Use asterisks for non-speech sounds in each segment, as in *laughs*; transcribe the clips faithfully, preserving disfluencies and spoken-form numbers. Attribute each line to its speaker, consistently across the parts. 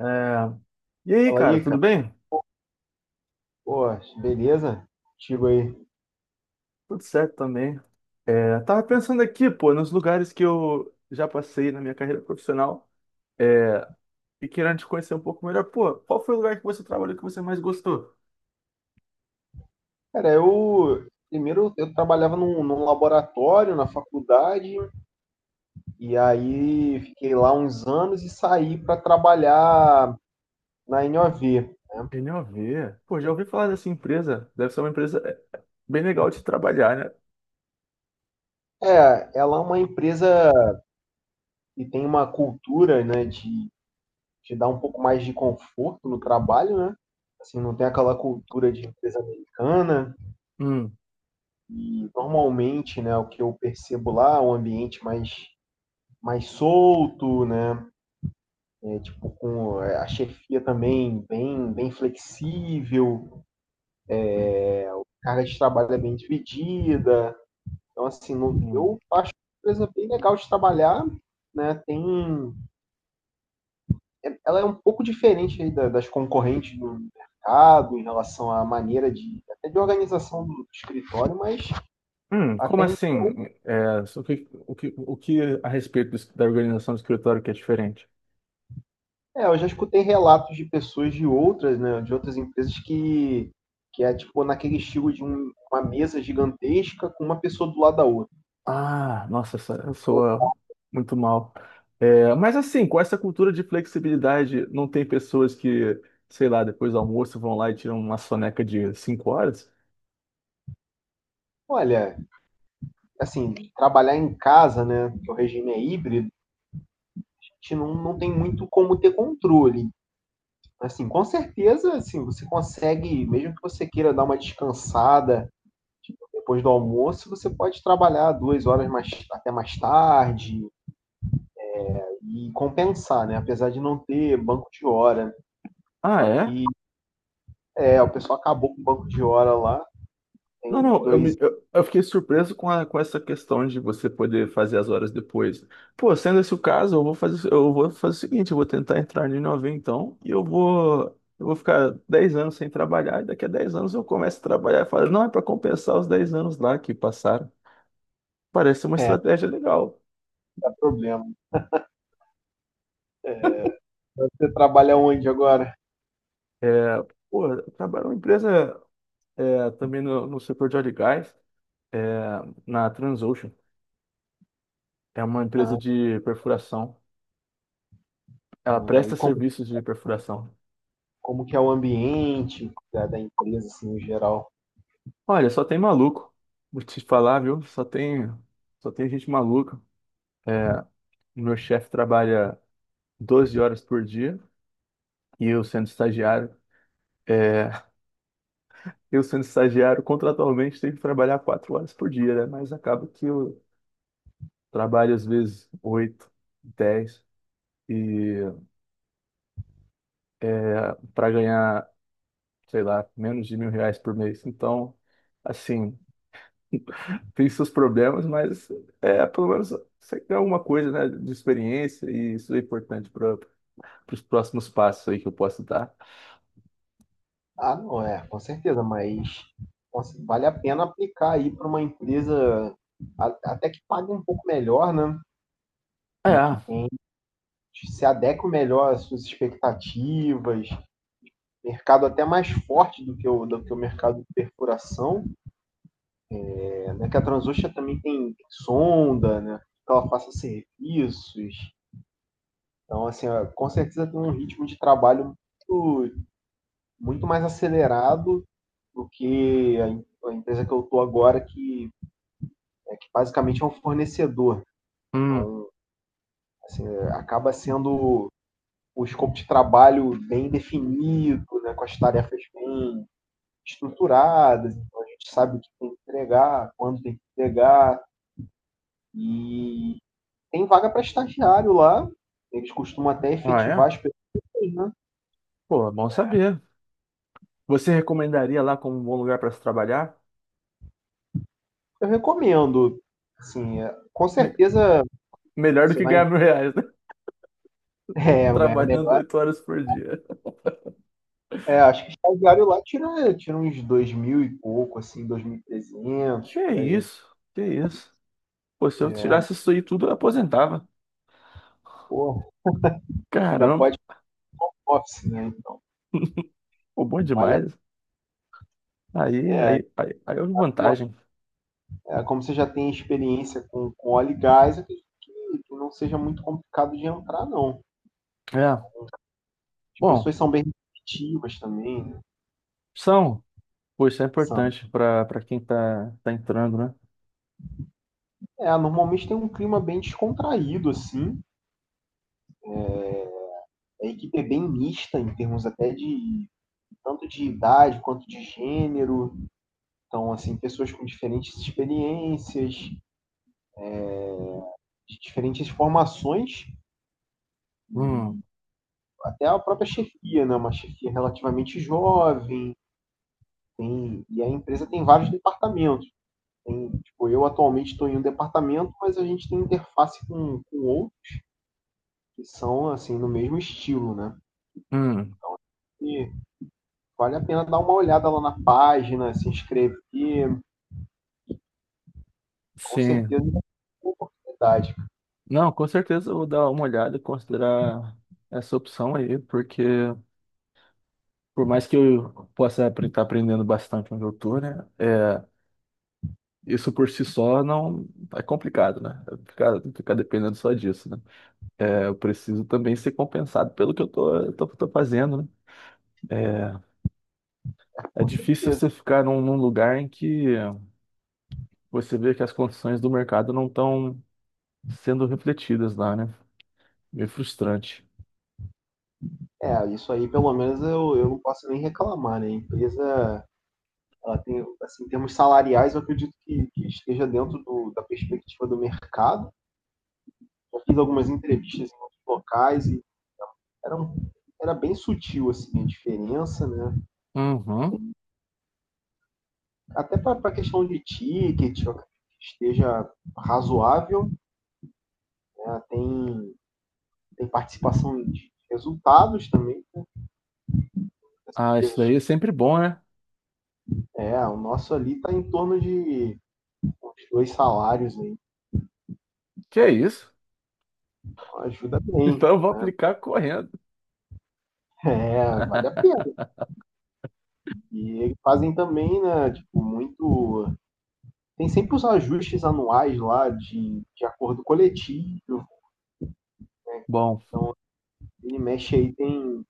Speaker 1: É. E aí,
Speaker 2: Fala
Speaker 1: cara,
Speaker 2: aí,
Speaker 1: tudo
Speaker 2: cara.
Speaker 1: bem?
Speaker 2: Pô, beleza? Contigo aí.
Speaker 1: Tudo certo também. É, tava pensando aqui, pô, nos lugares que eu já passei na minha carreira profissional, é, e querendo te conhecer um pouco melhor. Pô, qual foi o lugar que você trabalhou que você mais gostou?
Speaker 2: Cara, eu primeiro eu trabalhava num, num laboratório na faculdade e aí fiquei lá uns anos e saí para trabalhar na N O V.
Speaker 1: N O V. Pô, já ouvi falar dessa empresa. Deve ser uma empresa é, bem legal de trabalhar, né?
Speaker 2: É, ela é uma empresa que tem uma cultura, né, de te dar um pouco mais de conforto no trabalho, né? Assim, não tem aquela cultura de empresa americana
Speaker 1: Hum,
Speaker 2: e normalmente, né, o que eu percebo lá é um ambiente mais mais solto, né? é, tipo, com é, a chefia também bem, bem flexível, a carga de trabalho é bem dividida. Então, assim, não,
Speaker 1: hum.
Speaker 2: eu acho uma empresa bem legal de trabalhar, né? Tem, é, ela é um pouco diferente aí da- das concorrentes do mercado em relação à maneira de, até de organização do escritório, mas
Speaker 1: Hum, como
Speaker 2: até em-
Speaker 1: assim? É, so, o que, o que, o que a respeito do- da organização do escritório que é diferente?
Speaker 2: é, eu já escutei relatos de pessoas de outras, né, de outras empresas que que é tipo naquele estilo de um- uma mesa gigantesca com uma pessoa do lado da outra.
Speaker 1: Ah, nossa, essa- soa muito mal. É, mas assim, com essa cultura de flexibilidade, não tem pessoas que, sei lá, depois do almoço vão lá e tiram uma soneca de cinco horas?
Speaker 2: Olha, assim, trabalhar em casa, né, que o regime é híbrido, a gente não, não tem muito como ter controle. Assim, com certeza, assim, você consegue, mesmo que você queira dar uma descansada tipo, depois do almoço, você pode trabalhar duas horas mais, até mais tarde e compensar, né, apesar de não ter banco de hora.
Speaker 1: Ah,
Speaker 2: Só
Speaker 1: é?
Speaker 2: que é, o pessoal acabou com o banco de hora lá, tem
Speaker 1: Não,
Speaker 2: um de
Speaker 1: não, eu,
Speaker 2: dois
Speaker 1: me- eu, eu fiquei surpreso com, a- com essa questão de você poder fazer as horas depois. Pô, sendo esse o caso, eu vou fazer, eu vou fazer o seguinte, eu vou tentar entrar no Inova então, e eu vou, eu vou ficar dez anos sem trabalhar, e daqui a dez anos eu começo a trabalhar e falo, não, é para compensar os dez anos lá que passaram. Parece uma
Speaker 2: é,
Speaker 1: estratégia legal.
Speaker 2: problema. Você trabalha onde agora?
Speaker 1: É, pô, eu trabalho numa empresa, é, também no, no setor de óleo e gás, é, na Transocean. É uma empresa
Speaker 2: Ah,
Speaker 1: de perfuração. Ela
Speaker 2: ah, e
Speaker 1: presta
Speaker 2: com
Speaker 1: serviços de perfuração.
Speaker 2: como que é o ambiente da, da empresa, assim, em geral?
Speaker 1: Olha, só tem maluco. Vou te falar, viu? Só tem, só tem gente maluca. É, meu chefe trabalha doze horas por dia e eu sendo estagiário. é, *laughs* eu sendo estagiário, contratualmente, tenho que trabalhar quatro horas por dia, né? Mas acaba que eu trabalho às vezes oito, dez, e para ganhar, sei lá, menos de mil reais por mês. Então, assim, tem seus problemas, mas é pelo menos você tem alguma coisa, né, de experiência, e isso é importante para os próximos passos aí que eu posso dar.
Speaker 2: Ah, não é, com certeza, mas nossa, vale a pena aplicar aí para uma empresa a- até que pague um pouco melhor, né? E que
Speaker 1: É,
Speaker 2: tem, se adeque melhor às suas expectativas, mercado até mais forte do que o, do que o mercado de perfuração, é, né? Que a Transocean também tem sonda, né? Que ela faça serviços. Então, assim, ó, com certeza tem um ritmo de trabalho muito muito mais acelerado do que a, a empresa que eu estou agora, que, é, que basicamente é um fornecedor.
Speaker 1: hum,
Speaker 2: Assim, é, acaba sendo o escopo de trabalho bem definido, né, com as tarefas bem estruturadas, então a gente sabe o que tem que entregar, quando tem que entregar, e tem vaga para estagiário lá, eles costumam até
Speaker 1: ah, é?
Speaker 2: efetivar as pessoas, né?
Speaker 1: Pô, é bom saber. Você recomendaria lá como um bom lugar para se trabalhar?
Speaker 2: Eu recomendo, assim, é, com
Speaker 1: Me-
Speaker 2: certeza
Speaker 1: melhor do
Speaker 2: você
Speaker 1: que
Speaker 2: vai
Speaker 1: ganhar mil
Speaker 2: *laughs*
Speaker 1: reais, né? *laughs*
Speaker 2: é, ganhar.
Speaker 1: Trabalhando oito horas por dia.
Speaker 2: É, acho que o estagiário lá tira, tira uns dois mil e pouco, assim, dois mil e trezentos
Speaker 1: Que
Speaker 2: por aí.
Speaker 1: isso? Que isso? Pô, se eu tirasse isso aí tudo, eu aposentava.
Speaker 2: Pô, ainda
Speaker 1: Caramba,
Speaker 2: pode office, né? Então,
Speaker 1: pô, bom
Speaker 2: vale a-
Speaker 1: demais. Aí, aí, aí, aí houve vantagem.
Speaker 2: é, como você já tem experiência com, com óleo e gás, eu acredito que, que não seja muito complicado de entrar, não.
Speaker 1: É,
Speaker 2: As
Speaker 1: bom,
Speaker 2: pessoas são bem receptivas também, né?
Speaker 1: são, pô, isso é
Speaker 2: São.
Speaker 1: importante para para quem tá, tá entrando, né?
Speaker 2: É, normalmente tem um clima bem descontraído, assim. A equipe é bem mista em termos até de tanto de idade quanto de gênero. Então, assim, pessoas com diferentes experiências, de diferentes formações,
Speaker 1: Hum,
Speaker 2: até a própria chefia, né? Uma chefia relativamente jovem, tem, e a empresa tem vários departamentos. Tem, tipo, eu atualmente estou em um departamento, mas a gente tem interface com, com outros que são assim no mesmo estilo, né?
Speaker 1: hum,
Speaker 2: E vale a pena dar uma olhada lá na página, se inscrever, com
Speaker 1: sim.
Speaker 2: certeza é uma oportunidade, cara.
Speaker 1: Não, com certeza eu vou dar uma olhada e considerar essa opção aí, porque por mais que eu possa estar aprendendo bastante onde eu tô, né? É, isso por si só não é complicado, né? Ficar, ficar dependendo só disso, né? É, eu preciso também ser compensado pelo que eu tô, eu tô, tô fazendo, né? É,
Speaker 2: É,
Speaker 1: é
Speaker 2: com
Speaker 1: difícil
Speaker 2: certeza.
Speaker 1: você ficar num, num lugar em que você vê que as condições do mercado não estão sendo refletidas lá, né? Meio frustrante.
Speaker 2: É, isso aí pelo menos eu, eu não posso nem reclamar, né? A empresa ela tem, assim, em termos salariais, eu acredito que, que esteja dentro do, da perspectiva do mercado. Eu fiz algumas entrevistas em outros locais e era, um- era bem sutil assim, a diferença, né?
Speaker 1: Uhum.
Speaker 2: Até para a questão de ticket, eu acredito que esteja razoável. Né? Tem, tem participação de resultados também.
Speaker 1: Ah, isso daí é sempre bom, né?
Speaker 2: É, o nosso ali está em torno de uns dois salários, né?
Speaker 1: Que é isso? *laughs*
Speaker 2: Então ajuda bem.
Speaker 1: Então eu vou aplicar correndo.
Speaker 2: *laughs* É, vale a pena. E eles fazem também, né, tipo, muito tem sempre os ajustes anuais lá de, de acordo coletivo.
Speaker 1: Bom,
Speaker 2: Ele mexe aí, tem,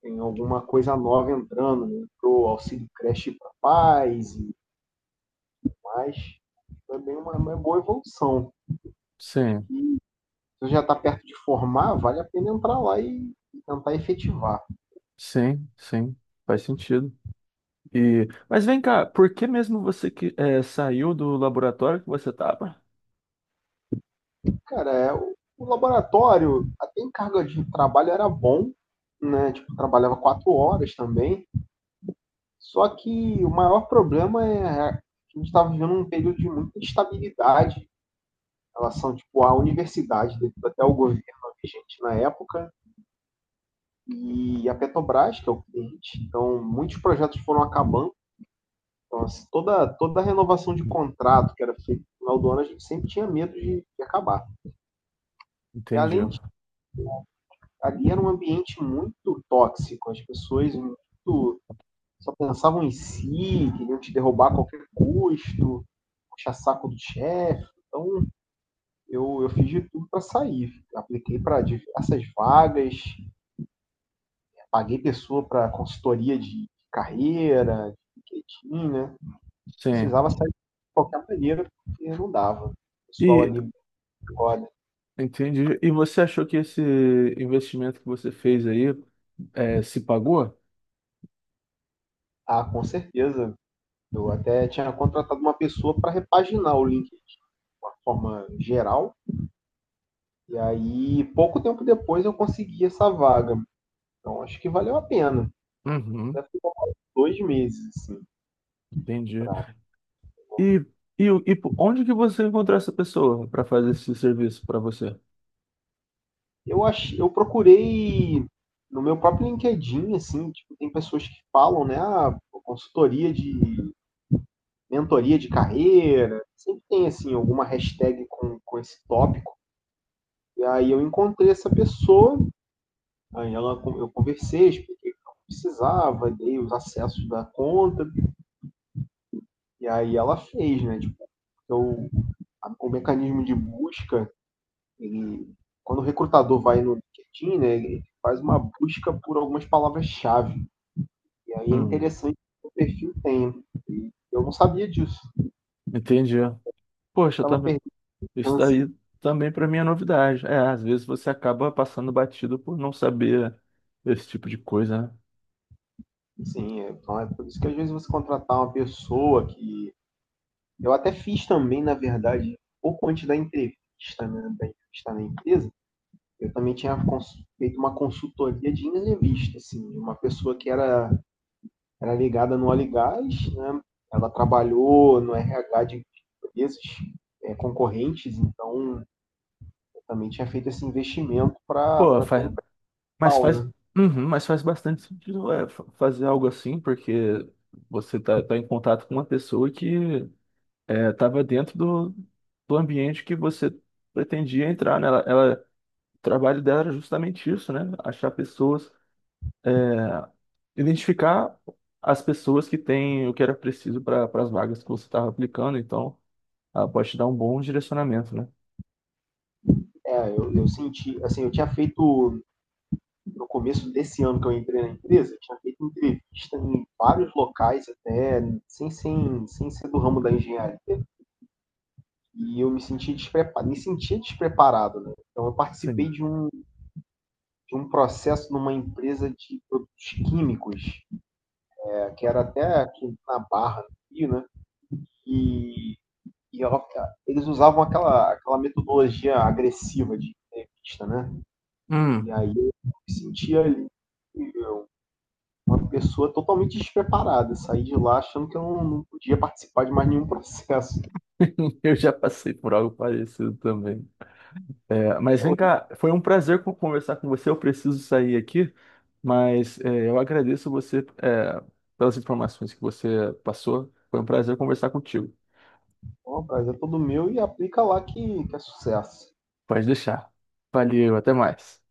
Speaker 2: tem alguma coisa nova entrando, né? Pro auxílio creche para pais e mais. Também uma, uma boa evolução.
Speaker 1: sim,
Speaker 2: Se você já está perto de formar, vale a pena entrar lá e, e tentar efetivar.
Speaker 1: sim, sim, faz sentido. E, mas vem cá, por que mesmo você que eh, saiu do laboratório que você estava?
Speaker 2: Cara, é, o, o laboratório, até em carga de trabalho era bom, né? Tipo, trabalhava quatro horas também. Só que o maior problema é a gente está vivendo um período de muita instabilidade relação tipo à universidade, devido até ao governo vigente na época, e a Petrobras, que é o cliente. Então, muitos projetos foram acabando. Então, assim, toda, toda a renovação de contrato que era feita no final do ano, a gente sempre tinha medo de, de acabar. E
Speaker 1: Entendi.
Speaker 2: além disso, ali era um ambiente muito tóxico, as pessoas muito só pensavam em si, queriam te derrubar a qualquer custo, puxar saco do chefe. Então, eu, eu fiz de tudo para sair. Apliquei para diversas vagas, paguei pessoa para consultoria de carreira, de LinkedIn, né?
Speaker 1: Sim.
Speaker 2: Precisava sair de qualquer maneira, porque não dava. O pessoal
Speaker 1: E
Speaker 2: ali agora,
Speaker 1: entendi. E você achou que esse investimento que você fez aí eh, se pagou?
Speaker 2: ah, com certeza. Eu até tinha contratado uma pessoa para repaginar o LinkedIn de uma forma geral. E aí, pouco tempo depois, eu consegui essa vaga. Então, acho que valeu a pena.
Speaker 1: Uhum,
Speaker 2: Deve ter demorado dois meses, assim,
Speaker 1: entendi.
Speaker 2: para...
Speaker 1: E, e, o- e po- onde que você encontrou essa pessoa para fazer esse serviço para você?
Speaker 2: Eu acho, eu procurei no meu próprio LinkedIn, assim, tipo, tem pessoas que falam, né, ah, consultoria de mentoria de carreira, sempre tem, assim, alguma hashtag com, com esse tópico. E aí eu encontrei essa pessoa, aí ela, eu conversei, expliquei o que eu precisava, dei os acessos da conta, e aí ela fez, né, tipo, eu, a- o mecanismo de busca, ele, quando o recrutador vai no LinkedIn, né, ele faz uma busca por algumas palavras-chave. E aí é
Speaker 1: Hum,
Speaker 2: interessante que o perfil tem. E eu não sabia disso. A
Speaker 1: entendi.
Speaker 2: gente
Speaker 1: Poxa, eu
Speaker 2: estava
Speaker 1: também.
Speaker 2: perdendo
Speaker 1: Isso daí
Speaker 2: chance.
Speaker 1: também para mim é novidade. É, às vezes você acaba passando batido por não saber esse tipo de coisa, né?
Speaker 2: Sim, então é por isso que às vezes você contratar uma pessoa que... Eu até fiz também, na verdade, pouco antes da entrevista, né, da entrevista na empresa, eu também tinha cons- feito uma consultoria de entrevista, assim, uma pessoa que era, era ligada no óleo e gás, né, ela trabalhou no R H de empresas é, concorrentes, então eu também tinha feito esse investimento para
Speaker 1: Pô,
Speaker 2: ter
Speaker 1: faz,
Speaker 2: um...
Speaker 1: mas faz, Uhum, mas faz bastante sentido, é, fa- fazer algo assim, porque você tá, tá em contato com uma pessoa que, é, tava dentro do, do ambiente que você pretendia entrar, né? Ela, ela- o trabalho dela era justamente isso, né? Achar pessoas, é, identificar as pessoas que têm o que era preciso para as vagas que você estava aplicando, então ela pode te dar um bom direcionamento, né?
Speaker 2: É, eu, eu senti, assim, eu tinha feito, no começo desse ano que eu entrei na empresa, eu tinha feito entrevista em vários locais até, sem, sem, sem ser do ramo da engenharia, e eu me senti despreparado, me sentia despreparado, né? Então eu participei
Speaker 1: Sim.
Speaker 2: de um, de um processo numa empresa de produtos químicos, é, que era até aqui na Barra, no Rio, né? E, e ela, eles usavam aquela, aquela metodologia agressiva de entrevista, né? E
Speaker 1: Hum.
Speaker 2: aí eu me sentia ali pessoa totalmente despreparada, saí de lá achando que eu não, não podia participar de mais nenhum processo.
Speaker 1: *laughs* Eu já passei por algo parecido também. É, mas vem cá, foi um prazer co- conversar com você. Eu preciso sair aqui, mas é, eu agradeço você, é, pelas informações que você passou. Foi um prazer conversar contigo.
Speaker 2: Então, rapaz, é todo meu e aplica lá que, que é sucesso.
Speaker 1: Pode deixar. Valeu, até mais.